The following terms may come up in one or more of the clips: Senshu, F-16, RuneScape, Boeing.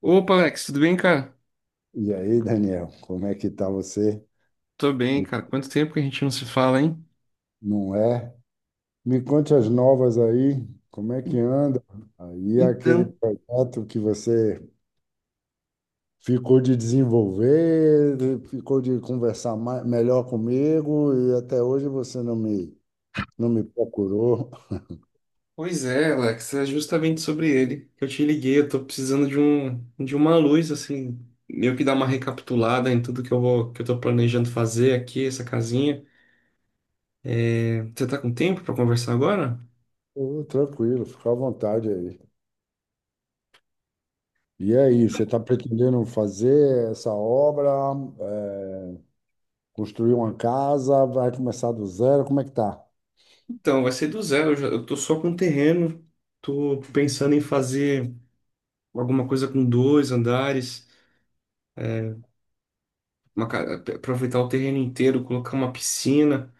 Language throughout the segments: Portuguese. Opa, Alex, tudo bem, cara? E aí, Daniel, como é que tá você? Tô bem, Me- cara. Quanto tempo que a gente não se fala, hein? Não é? Me conte as novas aí, como é que anda? Aí aquele Então, projeto que você ficou de desenvolver, ficou de conversar mais, melhor comigo e até hoje você não me procurou. Pois é, Alex, é justamente sobre ele que eu te liguei. Eu tô precisando de uma luz, assim, meio que dar uma recapitulada em tudo que que eu tô planejando fazer aqui, essa casinha. É, você tá com tempo pra conversar agora? Ô, tranquilo, fica à vontade aí. E aí, você está pretendendo fazer essa obra, eh, construir uma casa, vai começar do zero, como é que tá? Então, vai ser do zero. Eu tô só com terreno. Tô pensando em fazer alguma coisa com dois andares, aproveitar o terreno inteiro, colocar uma piscina.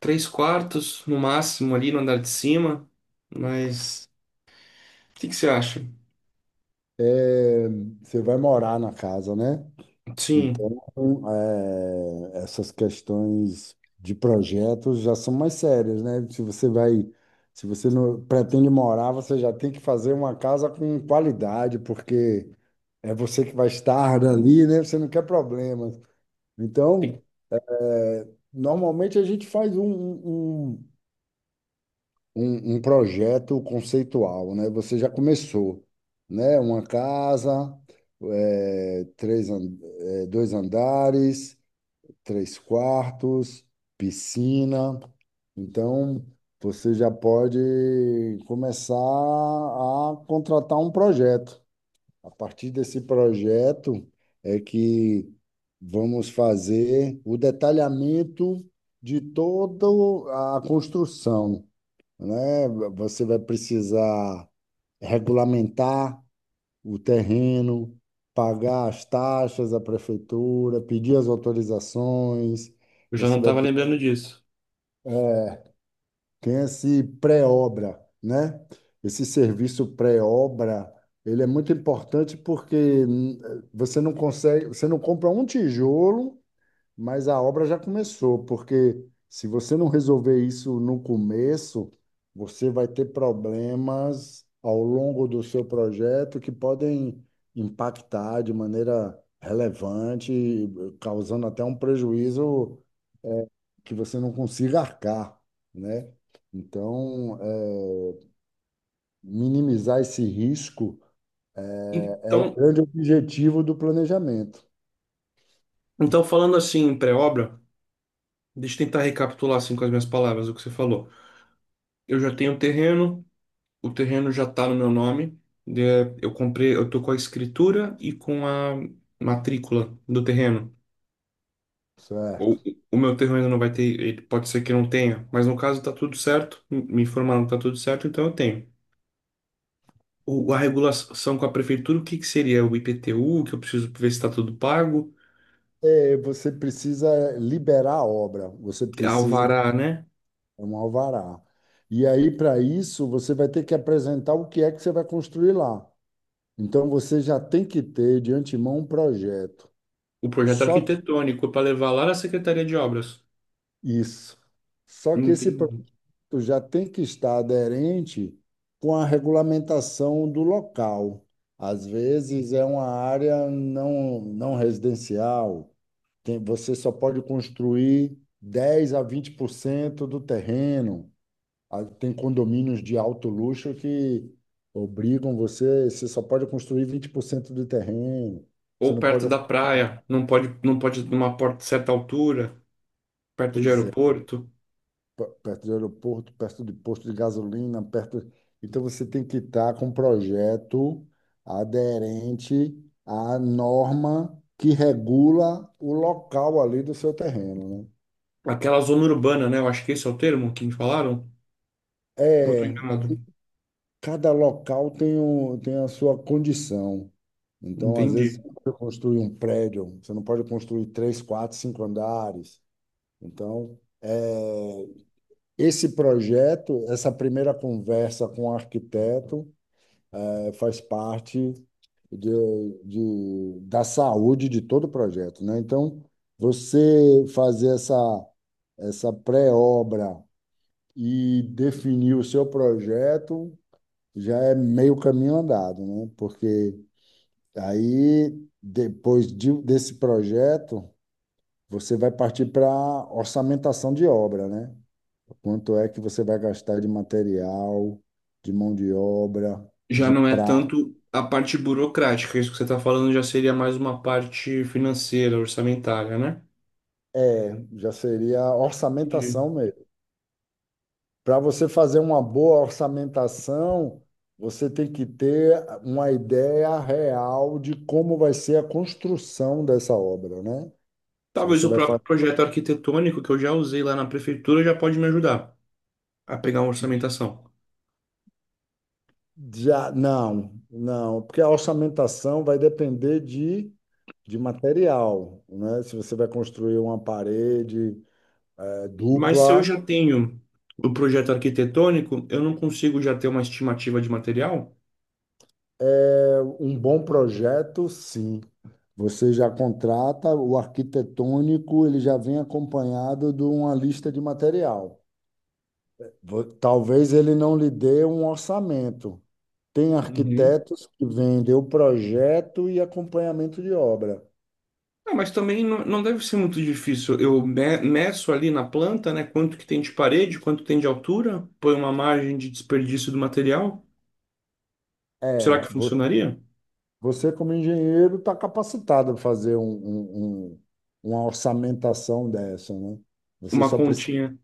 Três quartos no máximo ali no andar de cima, mas o que que você acha? É, você vai morar na casa, né? Então, Sim, é, essas questões de projetos já são mais sérias, né? Se você não pretende morar, você já tem que fazer uma casa com qualidade, porque é você que vai estar ali, né? Você não quer problemas. Então, tem- é, normalmente a gente faz um projeto conceitual, né? Você já começou, né? Uma casa, eh, três, an- dois andares, três quartos, piscina. Então, você já pode começar a contratar um projeto. A partir desse projeto é que vamos fazer o detalhamento de toda a construção, né? Você vai precisar regulamentar o terreno, pagar as taxas à prefeitura, pedir as autorizações. eu já não Você vai estava pe- lembrando disso. Tem esse pré-obra, né? Esse serviço pré-obra, ele é muito importante porque hum, você não consegue, você não compra um tijolo mas a obra já começou, porque se você não resolver isso no começo, você vai ter problemas ao longo do seu projeto que podem impactar de maneira relevante, causando até um prejuízo que você não consiga arcar, né? Então, é, minimizar esse risco é o Então, grande objetivo do planejamento, então falando assim em pré-obra, deixa eu tentar recapitular assim com as minhas palavras o que você falou. Eu já tenho o terreno já está no meu nome, né, eu comprei, eu tô com a escritura e com a matrícula do terreno. O, certo? o meu terreno ainda não vai ter, ele pode ser que não tenha, mas no caso tá tudo certo, me informaram que tá tudo certo, então eu tenho. O, a regulação com a prefeitura, o que que seria o IPTU, que eu preciso ver se está tudo pago, É, você precisa liberar a obra, você precisa. alvará, né? É um alvará. E aí, para isso, você vai ter que apresentar o que é que você vai construir lá. Então, você já tem que ter de antemão um projeto. O projeto Só arquitetônico para levar lá na Secretaria de Obras. isso. Só que esse projeto Entendi. já tem que estar aderente com a regulamentação do local. Às vezes, é uma área não residencial. Tem, você só pode construir 10 a 20% do terreno. Ah, tem condomínios de alto luxo que obrigam você, você só pode construir 20% do terreno. Ou Você não perto pode, da praia, não pode, não pode numa porta, certa altura, perto de pois é, aeroporto. Perto do aeroporto, perto de posto de gasolina, perto. Então você tem que estar com um projeto aderente à norma que regula o local ali do seu terreno, né? Aquela zona urbana, né? Eu acho que esse é o termo que me falaram. Eu tô É, enganado. cada local tem, um, tem a sua condição. Então, às vezes, Entendi. você não pode construir um prédio, você não pode construir três, quatro, cinco andares. Então, esse projeto, essa primeira conversa com o arquiteto, faz parte de, da saúde de todo o projeto, né? Então, você fazer essa, essa pré-obra e definir o seu projeto já é meio caminho andado, né? Porque aí, desse projeto, você vai partir para orçamentação de obra, né? Quanto é que você vai gastar de material, de mão de obra, Já de não é prata? tanto a parte burocrática, isso que você está falando já seria mais uma parte financeira, orçamentária, né? É, já seria Entendi. orçamentação mesmo. Para você fazer uma boa orçamentação, você tem que ter uma ideia real de como vai ser a construção dessa obra, né? Se Talvez você o vai próprio fazer projeto arquitetônico que eu já usei lá na prefeitura já pode me ajudar a pegar uma orçamentação. Já, não, não, porque a orçamentação vai depender de material, né? Se você vai construir uma parede Mas se eu dupla, já tenho o projeto arquitetônico, eu não consigo já ter uma estimativa de material? é um bom projeto, sim. Você já contrata o arquitetônico, ele já vem acompanhado de uma lista de material. Talvez ele não lhe dê um orçamento. Tem Uhum. arquitetos que vendem o projeto e acompanhamento de obra. Ah, mas também não, não deve ser muito difícil. Meço ali na planta, né, quanto que tem de parede, quanto tem de altura, põe uma margem de desperdício do material. Será É, que funcionaria? Você, como engenheiro, está capacitado a fazer uma orçamentação dessa, né? Você Uma só precisa, continha,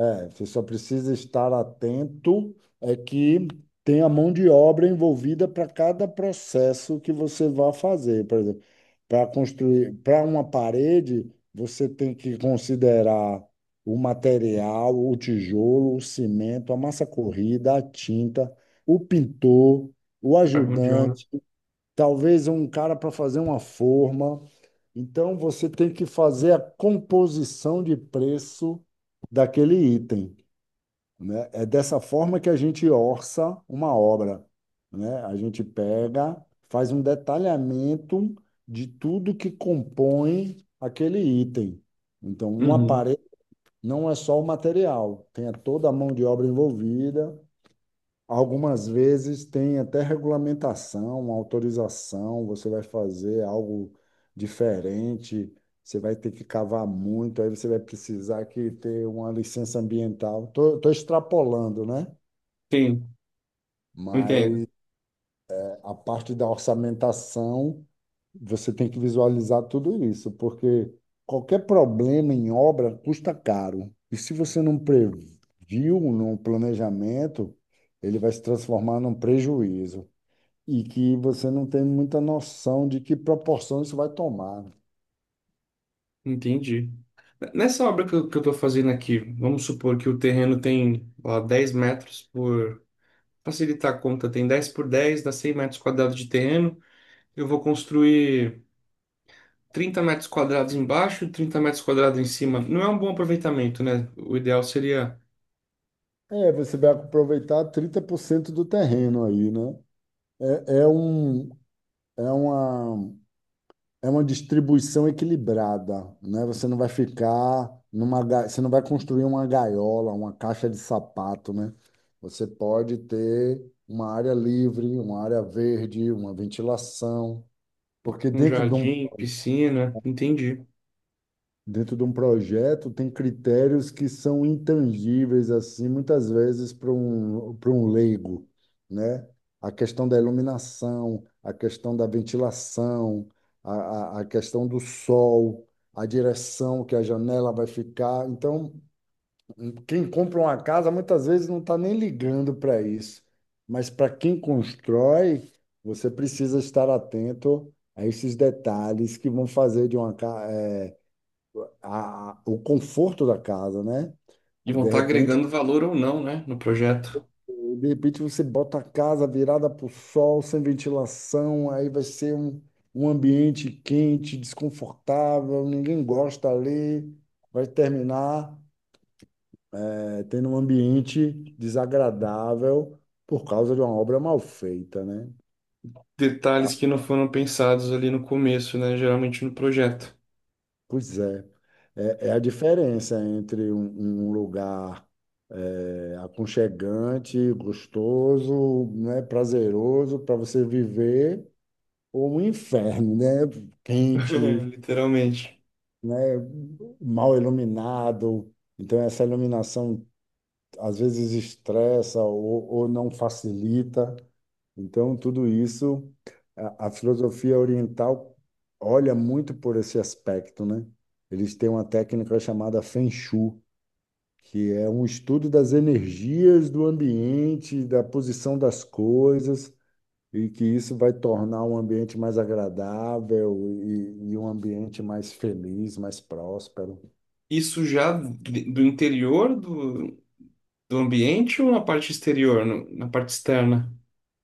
é, você só precisa estar atento é que tem a mão de obra envolvida para cada processo que você vai fazer. Por exemplo, para construir, para uma parede, você tem que considerar o material, o tijolo, o cimento, a massa corrida, a tinta, o pintor, o a mão de obra. ajudante, talvez um cara para fazer uma forma. Então, você tem que fazer a composição de preço daquele item, né? É dessa forma que a gente orça uma obra, né? A gente pega, faz um detalhamento de tudo que compõe aquele item. Então, uma Uhum. parede não é só o material, tem toda a mão de obra envolvida. Algumas vezes tem até regulamentação, autorização, você vai fazer algo diferente, você vai ter que cavar muito, aí você vai precisar que ter uma licença ambiental. Estou Tô, tô extrapolando, né? Sim, entendo. Mas a parte da orçamentação, você tem que visualizar tudo isso, porque qualquer problema em obra custa caro. E se você não previu no planejamento, ele vai se transformar num prejuízo. E que você não tem muita noção de que proporção isso vai tomar, né? Entendi. Nessa obra que eu tô fazendo aqui, vamos supor que o terreno tem ó, 10 metros por. Facilitar a conta, tem 10 por 10 dá 100 metros quadrados de terreno. Eu vou construir 30 metros quadrados embaixo e 30 metros quadrados em cima. Não é um bom aproveitamento, né? O ideal seria É, você vai aproveitar 30% do terreno aí, né? É, é um, é uma, é uma distribuição equilibrada, né? Você não vai ficar numa, você não vai construir uma gaiola, uma caixa de sapato, né? Você pode ter uma área livre, uma área verde, uma ventilação, porque um jardim, piscina, entendi. dentro de um projeto, tem critérios que são intangíveis, assim, muitas vezes para um leigo, né? A questão da iluminação, a questão da ventilação, a, a questão do sol, a direção que a janela vai ficar. Então, quem compra uma casa muitas vezes não está nem ligando para isso, mas para quem constrói, você precisa estar atento a esses detalhes que vão fazer de uma casa o conforto da casa, né? E vão De estar repente, agregando valor ou não, né, no projeto. de repente você bota a casa virada para o sol, sem ventilação, aí vai ser um, um ambiente quente, desconfortável, ninguém gosta ali, vai terminar tendo um ambiente desagradável por causa de uma obra mal feita, né? Detalhes que não foram pensados ali no começo, né? Geralmente no projeto. Pois é, é a diferença entre um, um lugar É aconchegante, gostoso, né, prazeroso para você viver, ou um inferno, né? Quente, Literalmente. né, mal iluminado. Então, essa iluminação às vezes estressa ou não facilita. Então, tudo isso, a filosofia oriental olha muito por esse aspecto, né? Eles têm uma técnica chamada Feng Shui, que é um estudo das energias do ambiente, da posição das coisas, e que isso vai tornar um ambiente mais agradável e um ambiente mais feliz, mais próspero. Isso já do interior do, do ambiente ou na parte exterior, na parte externa?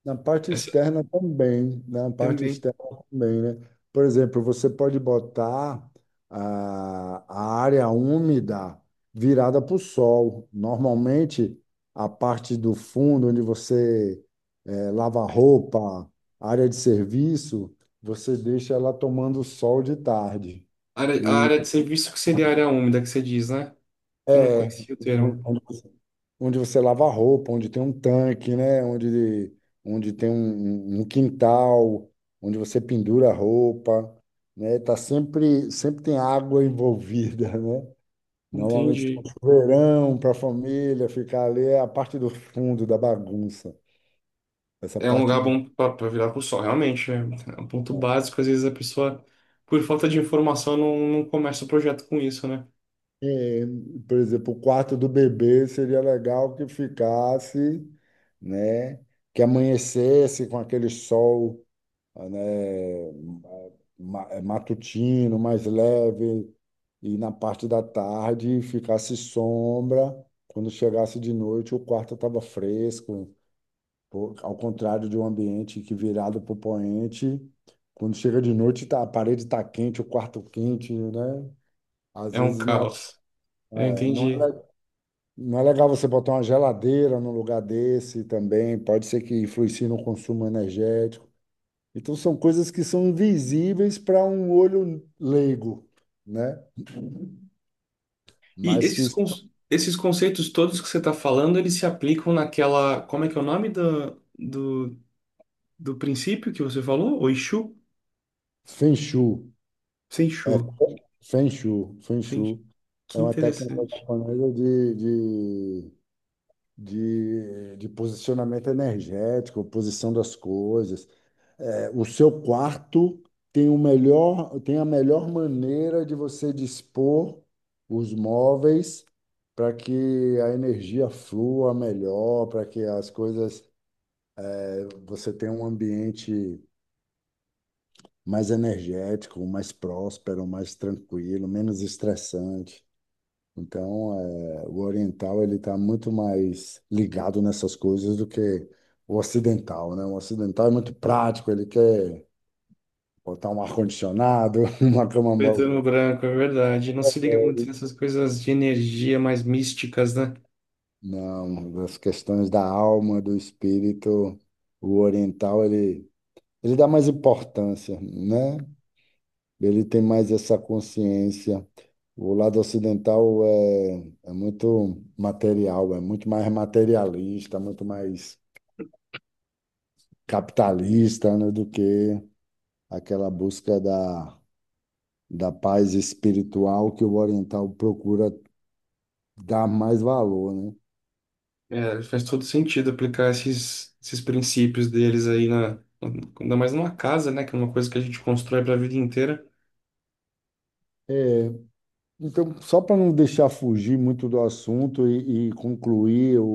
Na parte Essa externa também, né? Na parte também. externa também, né? Por exemplo, você pode botar a área úmida virada para o sol. Normalmente, a parte do fundo, onde você lava roupa, área de serviço, você deixa ela tomando sol de tarde. A E área de serviço que seria a área úmida que você diz, né? Eu não é, conhecia o termo. onde você lava a roupa, onde tem um tanque, né? Onde, onde tem um, um quintal, onde você pendura a roupa, né? Tá sempre, sempre tem água envolvida, né? Normalmente tem um Entendi. chuveirão para a família ficar ali, é a parte do fundo da bagunça. Essa É um parte lugar de, bom para virar pro sol, realmente. É, é um ponto básico. Às vezes a pessoa, por falta de informação, não, não começa o projeto com isso, né? é, por exemplo, o quarto do bebê seria legal que ficasse, né? Que amanhecesse com aquele sol. Ah, né, é matutino, mais leve, e na parte da tarde ficasse sombra. Quando chegasse de noite, o quarto estava fresco. Pô, ao contrário de um ambiente que virado para o poente, quando chega de noite, tá, a parede está quente, o quarto quente, né? Às É um vezes não é, caos. Eu é, não é, entendi. le- Não é legal você botar uma geladeira num lugar desse também, pode ser que influencie no consumo energético. Então são coisas que são invisíveis para um olho leigo, né? E Mas que esses, con- são esses conceitos todos que você está falando, eles se aplicam naquela. Como é que é o nome do do princípio que você falou? O Exu? Feng Shui, Senshu. é Feng Shui Gente, é que uma técnica interessante. japonesa de posicionamento energético, posição das coisas. É, o seu quarto tem a melhor maneira de você dispor os móveis para que a energia flua melhor, para que as coisas. Você tem um ambiente mais energético, mais próspero, mais tranquilo, menos estressante. Então, é, o oriental ele está muito mais ligado nessas coisas do que o ocidental, né? O ocidental é muito prático, ele quer botar um ar-condicionado, uma cama. Preto no branco, é verdade. Não se liga muito nessas coisas de energia mais místicas, né? Não, as questões da alma, do espírito, o oriental ele dá mais importância, né? Ele tem mais essa consciência. O lado ocidental é, é muito material, é muito mais materialista, muito mais capitalista, né, do que aquela busca da paz espiritual que o oriental procura dar mais valor, né? É, faz todo sentido aplicar esses princípios deles aí na, ainda mais numa casa, né? Que é uma coisa que a gente constrói para a vida inteira. É, então, só para não deixar fugir muito do assunto e concluir o,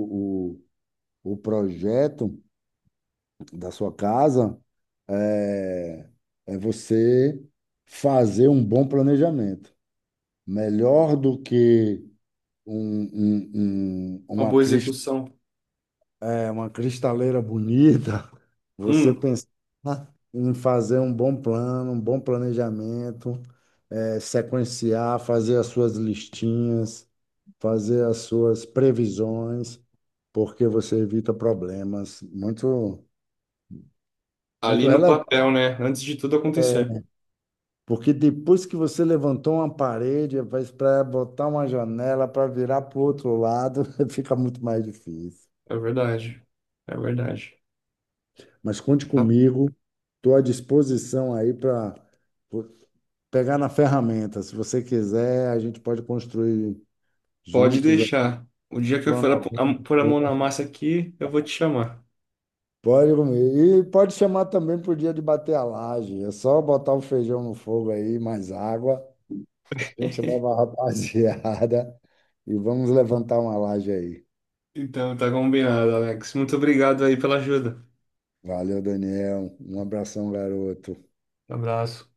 o, o projeto da sua casa é, é você fazer um bom planejamento. Melhor do que um- um- um- Uma uma, boa cris- execução. Uma cristaleira bonita, você Hum, pensar em fazer um bom plano, um bom planejamento, é, sequenciar, fazer as suas listinhas, fazer as suas previsões, porque você evita problemas muito, ali muito no relevantes. papel, né? Antes de tudo acontecer. Porque depois que você levantou uma parede, para botar uma janela, para virar para o outro lado, fica muito mais difícil. É verdade. É verdade. Mas conte Tá? comigo, estou à disposição aí para pegar na ferramenta. Se você quiser, a gente pode construir Pode juntos aí. deixar. O dia que eu for pôr a mão na massa aqui, eu vou te chamar. Pode comer. E pode chamar também para o dia de bater a laje. É só botar o feijão no fogo aí, mais água. A gente leva a rapaziada e vamos levantar uma laje aí. Então, tá combinado, Alex. Muito obrigado aí pela ajuda. Valeu, Daniel. Um abração, garoto. Abraço.